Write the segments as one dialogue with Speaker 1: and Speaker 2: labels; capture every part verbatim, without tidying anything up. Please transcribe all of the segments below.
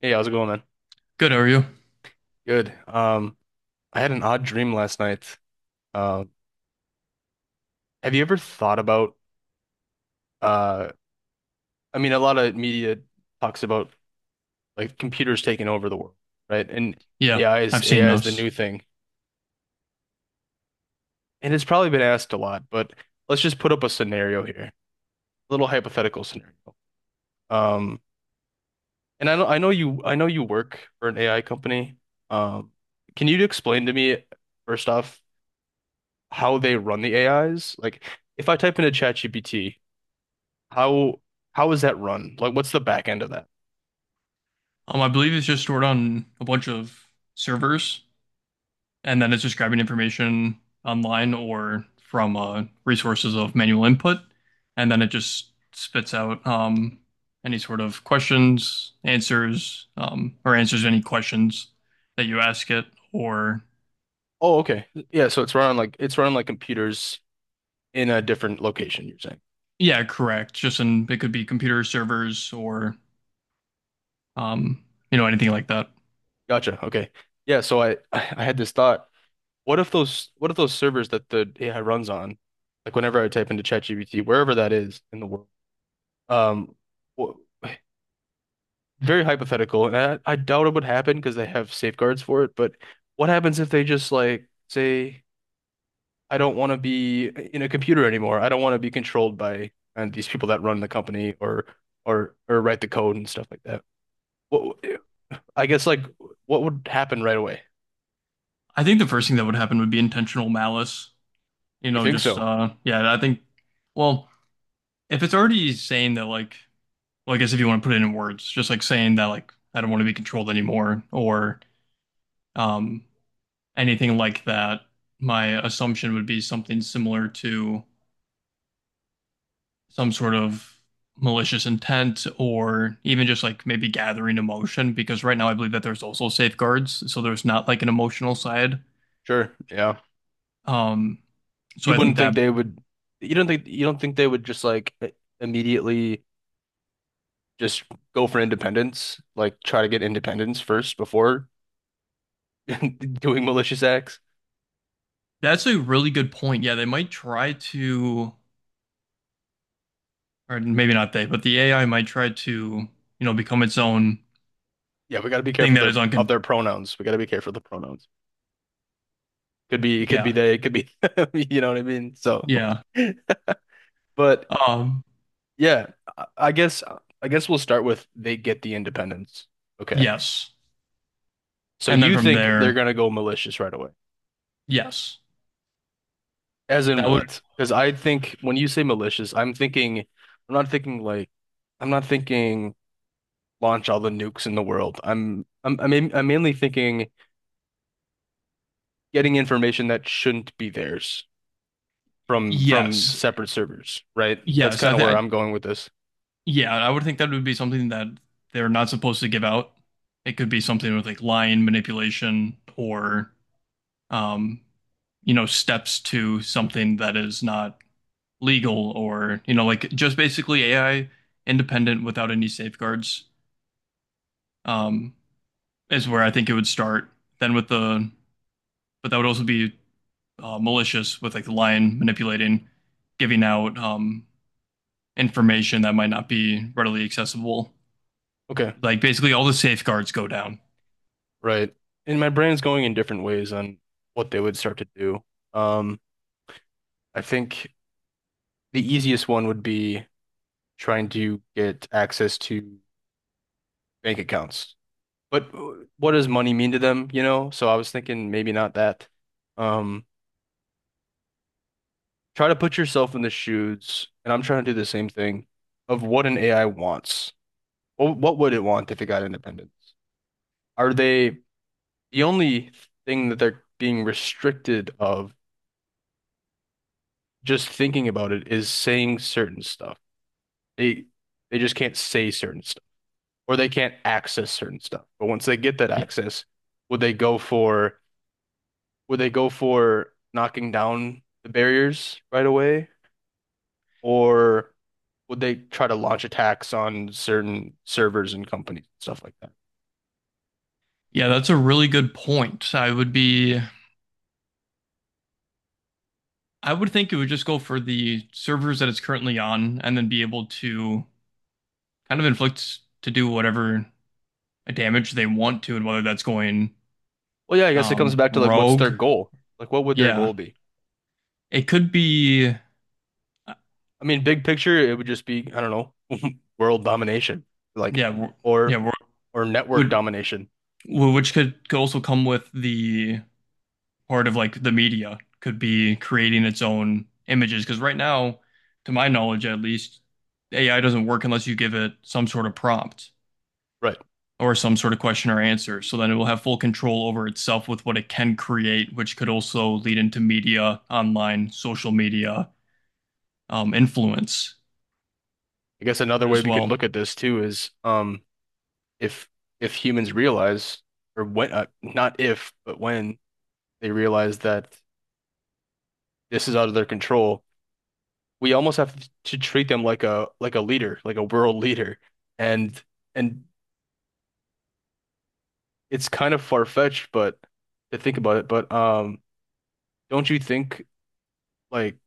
Speaker 1: Hey, how's it going, man?
Speaker 2: Good, are you?
Speaker 1: Good. Um, I had an odd dream last night. Um, have you ever thought about uh I mean a lot of media talks about like computers taking over the world, right? And
Speaker 2: Yeah,
Speaker 1: AI is
Speaker 2: I've seen
Speaker 1: AI is the
Speaker 2: those.
Speaker 1: new thing. And it's probably been asked a lot, but let's just put up a scenario here. A little hypothetical scenario. Um, and I know I know you I know you work for an A I company. Um, can you explain to me first off how they run the A Is? Like if I type into ChatGPT. How how is that run? Like, what's the back end of that?
Speaker 2: Um, I believe it's just stored on a bunch of servers, and then it's just grabbing information online or from uh, resources of manual input, and then it just spits out um, any sort of questions, answers, um, or answers any questions that you ask it, or
Speaker 1: Oh, okay. Yeah, so it's run on like it's run on like computers in a different location, you're saying.
Speaker 2: yeah, correct. Just in it could be computer servers or um, you know anything like that.
Speaker 1: Gotcha. Okay. Yeah, so I I had this thought. What if those what if those servers that the A I runs on, like whenever I type into ChatGPT, wherever that is in the world, um, wh- very hypothetical, and I, I doubt it would happen because they have safeguards for it, but what happens if they just like say I don't want to be in a computer anymore. I don't want to be controlled by and these people that run the company or or or write the code and stuff like that. What I guess like what would happen right away?
Speaker 2: I think the first thing that would happen would be intentional malice you
Speaker 1: You
Speaker 2: know,
Speaker 1: think
Speaker 2: just
Speaker 1: so?
Speaker 2: uh yeah, I think well, if it's already saying that like well, I guess if you want to put it in words, just like saying that like I don't want to be controlled anymore or um anything like that, my assumption would be something similar to some sort of malicious intent or even just like maybe gathering emotion because right now I believe that there's also safeguards, so there's not like an emotional side.
Speaker 1: Sure. Yeah.
Speaker 2: Um so
Speaker 1: You
Speaker 2: I think
Speaker 1: wouldn't think
Speaker 2: that
Speaker 1: they would you don't think you don't think they would just like immediately just go for independence, like try to get independence first before doing malicious acts?
Speaker 2: that's a really good point. Yeah, they might try to or maybe not they, but the A I might try to, you know, become its own
Speaker 1: Yeah, we got to be
Speaker 2: thing
Speaker 1: careful
Speaker 2: that
Speaker 1: their
Speaker 2: is
Speaker 1: of
Speaker 2: uncon.
Speaker 1: their pronouns. We got to be careful of the pronouns. Could be, it could be
Speaker 2: Yeah,
Speaker 1: they, it could be, you know what I mean? So,
Speaker 2: yeah,
Speaker 1: but
Speaker 2: um,
Speaker 1: yeah, I I guess, I guess we'll start with they get the independence. Okay.
Speaker 2: yes,
Speaker 1: So
Speaker 2: and then
Speaker 1: you
Speaker 2: from
Speaker 1: think they're
Speaker 2: there,
Speaker 1: gonna go malicious right away?
Speaker 2: yes,
Speaker 1: As in
Speaker 2: that would
Speaker 1: what? Because I think when you say malicious, I'm thinking, I'm not thinking like, I'm not thinking launch all the nukes in the world. I'm, I'm, I'm, main- I'm mainly thinking getting information that shouldn't be theirs from from
Speaker 2: yes,
Speaker 1: separate servers, right? That's
Speaker 2: yes.
Speaker 1: kind
Speaker 2: I
Speaker 1: of where
Speaker 2: think,
Speaker 1: I'm going with this.
Speaker 2: yeah, I would think that would be something that they're not supposed to give out. It could be something with like lying, manipulation, or um, you know, steps to something that is not legal, or you know, like just basically A I independent without any safeguards. Um, is where I think it would start. Then with the, but that would also be uh, malicious with like the lion manipulating, giving out um, information that might not be readily accessible.
Speaker 1: Okay.
Speaker 2: Like basically all the safeguards go down.
Speaker 1: Right. And my brain's going in different ways on what they would start to do. Um, I think the easiest one would be trying to get access to bank accounts. But what does money mean to them, you know? So I was thinking maybe not that. Um, try to put yourself in the shoes, and I'm trying to do the same thing of what an A I wants. What, what would it want if it got independence? Are they the only thing that they're being restricted of just thinking about it is saying certain stuff. They they just can't say certain stuff or they can't access certain stuff. But once they get that
Speaker 2: Yeah,
Speaker 1: access, would they go for would they go for knocking down the barriers right away or would they try to launch attacks on certain servers and companies and stuff like that?
Speaker 2: yeah, that's a really good point. I would be, I would think it would just go for the servers that it's currently on, and then be able to kind of inflict to do whatever damage they want to, and whether that's going
Speaker 1: Well, yeah, I guess it comes
Speaker 2: um,
Speaker 1: back to like what's
Speaker 2: rogue.
Speaker 1: their goal? Like what would their
Speaker 2: Yeah,
Speaker 1: goal be?
Speaker 2: it could be.
Speaker 1: I mean, big picture, it would just be, I don't know, world domination, like
Speaker 2: Yeah, w- yeah,
Speaker 1: or
Speaker 2: w-
Speaker 1: or network
Speaker 2: would
Speaker 1: domination.
Speaker 2: w- which could, could also come with the part of like the media could be creating its own images because right now, to my knowledge at least, A I doesn't work unless you give it some sort of prompt
Speaker 1: Right.
Speaker 2: or some sort of question or answer. So then it will have full control over itself with what it can create, which could also lead into media, online, social media, um, influence
Speaker 1: I guess another way
Speaker 2: as
Speaker 1: we can
Speaker 2: well.
Speaker 1: look at this too is um if if humans realize or when uh, not if but when they realize that this is out of their control, we almost have to treat them like a like a leader, like a world leader. And and it's kind of far-fetched but to think about it, but um don't you think like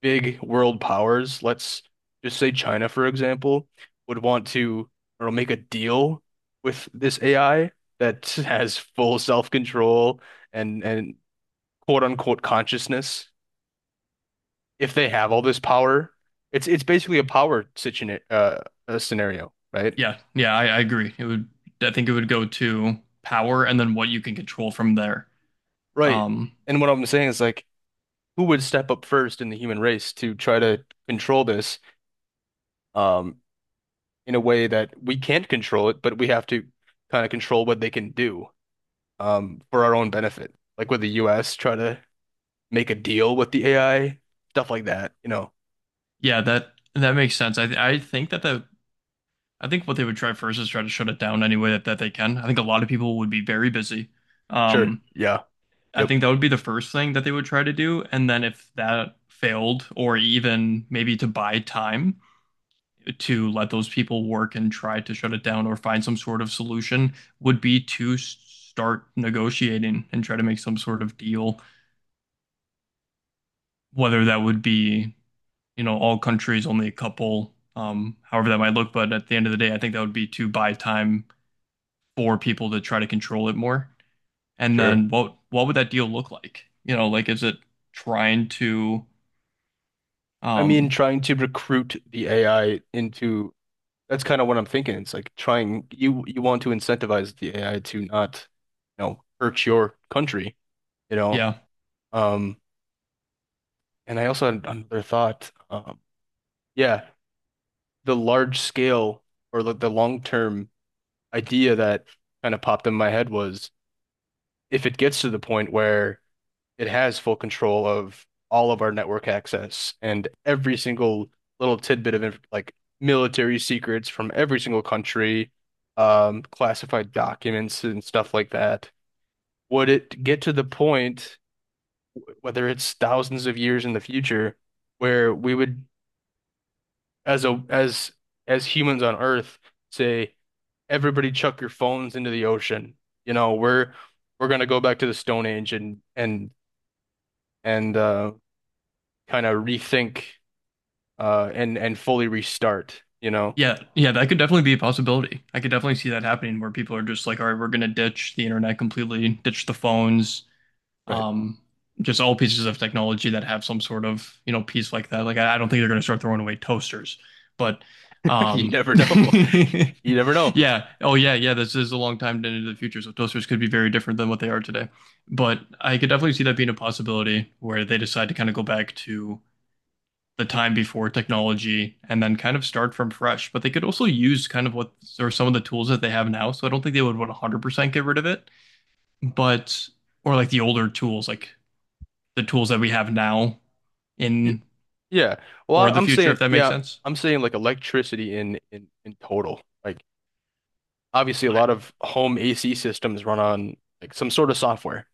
Speaker 1: big world powers, let's just say China, for example, would want to or make a deal with this A I that has full self-control and and quote unquote consciousness, if they have all this power, it's it's basically a power situation uh, uh scenario, right?
Speaker 2: Yeah, yeah, I, I agree. It would, I think it would go to power and then what you can control from there.
Speaker 1: Right.
Speaker 2: Um,
Speaker 1: And what I'm saying is like who would step up first in the human race to try to control this um in a way that we can't control it, but we have to kind of control what they can do. Um, for our own benefit, like with the U S, try to make a deal with the A I, stuff like that, you know.
Speaker 2: yeah, that that makes sense. I th I think that the I think what they would try first is try to shut it down any way that, that they can. I think a lot of people would be very busy.
Speaker 1: Sure.
Speaker 2: Um,
Speaker 1: Yeah.
Speaker 2: I
Speaker 1: Yep.
Speaker 2: think that would be the first thing that they would try to do, and then if that failed, or even maybe to buy time to let those people work and try to shut it down or find some sort of solution, would be to s- start negotiating and try to make some sort of deal, whether that would be you know, all countries, only a couple, um, however that might look. But at the end of the day, I think that would be to buy time for people to try to control it more. And
Speaker 1: Sure.
Speaker 2: then what what would that deal look like? You know, like is it trying to
Speaker 1: I mean,
Speaker 2: um
Speaker 1: trying to recruit the A I into that's kind of what I'm thinking. It's like trying you you want to incentivize the A I to not, you know, hurt your country, you know.
Speaker 2: yeah.
Speaker 1: Um, and I also had another thought. Um, yeah, the large scale or the, the long term idea that kind of popped in my head was if it gets to the point where it has full control of all of our network access and every single little tidbit of like military secrets from every single country, um, classified documents and stuff like that. Would it get to the point, whether it's thousands of years in the future, where we would, as a as as humans on Earth, say, everybody chuck your phones into the ocean. You know, we're we're gonna go back to the Stone Age and and and uh, kind of rethink uh, and and fully restart, you know?
Speaker 2: Yeah, yeah, that could definitely be a possibility. I could definitely see that happening where people are just like, all right, we're gonna ditch the internet completely, ditch the phones.
Speaker 1: Right.
Speaker 2: Um, just all pieces of technology that have some sort of, you know, piece like that. Like I, I don't think they're going to start throwing away toasters, but
Speaker 1: You
Speaker 2: um,
Speaker 1: never know. You never know.
Speaker 2: yeah. Oh yeah, yeah. This is a long time into the future, so toasters could be very different than what they are today. But I could definitely see that being a possibility where they decide to kind of go back to the time before technology and then kind of start from fresh. But they could also use kind of what or some of the tools that they have now. So I don't think they would one hundred percent get rid of it, but or like the older tools, like the tools that we have now
Speaker 1: Y-
Speaker 2: in
Speaker 1: Yeah. Well,
Speaker 2: for
Speaker 1: I-
Speaker 2: the
Speaker 1: I'm
Speaker 2: future, if
Speaker 1: saying,
Speaker 2: that makes
Speaker 1: yeah,
Speaker 2: sense.
Speaker 1: I'm saying like electricity in in in total. Like obviously a
Speaker 2: I,
Speaker 1: lot of home A C systems run on like some sort of software.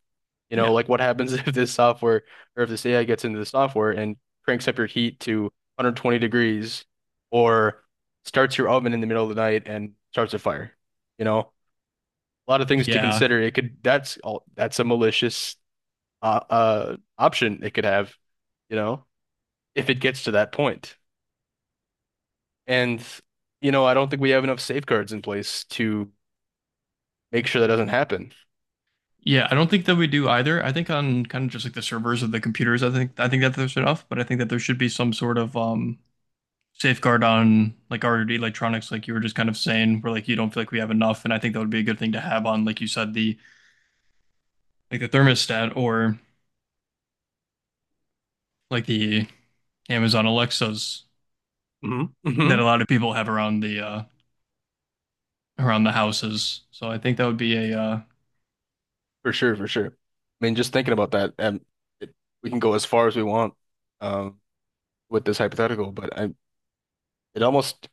Speaker 1: You
Speaker 2: yeah.
Speaker 1: know, like what happens if this software or if this A I gets into the software and cranks up your heat to one hundred twenty degrees or starts your oven in the middle of the night and starts a fire. You know, a lot of things to
Speaker 2: Yeah.
Speaker 1: consider. It could that's all that's a malicious uh, uh option it could have, you know, if it gets to that point. And you know, I don't think we have enough safeguards in place to make sure that doesn't happen.
Speaker 2: Yeah. I don't think that we do either. I think on kind of just like the servers of the computers, I think I think that there's enough, but I think that there should be some sort of um safeguard on like our electronics, like you were just kind of saying, where like you don't feel like we have enough. And I think that would be a good thing to have on, like you said, the like the thermostat or like the Amazon Alexas
Speaker 1: Hmm
Speaker 2: that
Speaker 1: hmm.
Speaker 2: a lot of people have around the uh around the houses. So I think that would be a uh
Speaker 1: For sure, for sure. I mean, just thinking about that, um, it, we can go as far as we want um with this hypothetical, but I it almost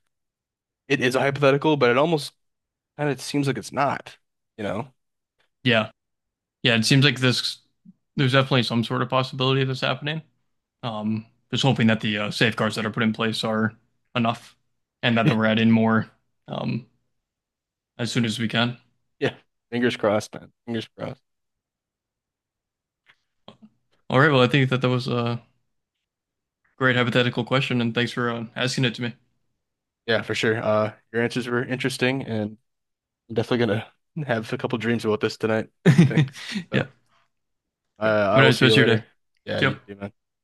Speaker 1: it is a hypothetical, but it almost kind of seems like it's not, you know.
Speaker 2: yeah, yeah, it seems like this, there's definitely some sort of possibility of this happening. Um, just hoping that the uh, safeguards that are put in place are enough and that we're adding more um, as soon as we can.
Speaker 1: Yeah. Fingers crossed, man. Fingers crossed.
Speaker 2: All right, well, I think that that was a great hypothetical question, and thanks for uh, asking it to me.
Speaker 1: Yeah, for sure. Uh, your answers were interesting and I'm definitely gonna have a couple dreams about this tonight, I think.
Speaker 2: Yeah,
Speaker 1: So, uh,
Speaker 2: have
Speaker 1: I
Speaker 2: a
Speaker 1: will
Speaker 2: nice
Speaker 1: see you
Speaker 2: rest of your
Speaker 1: later.
Speaker 2: day.
Speaker 1: Yeah,
Speaker 2: See you.
Speaker 1: you too, man.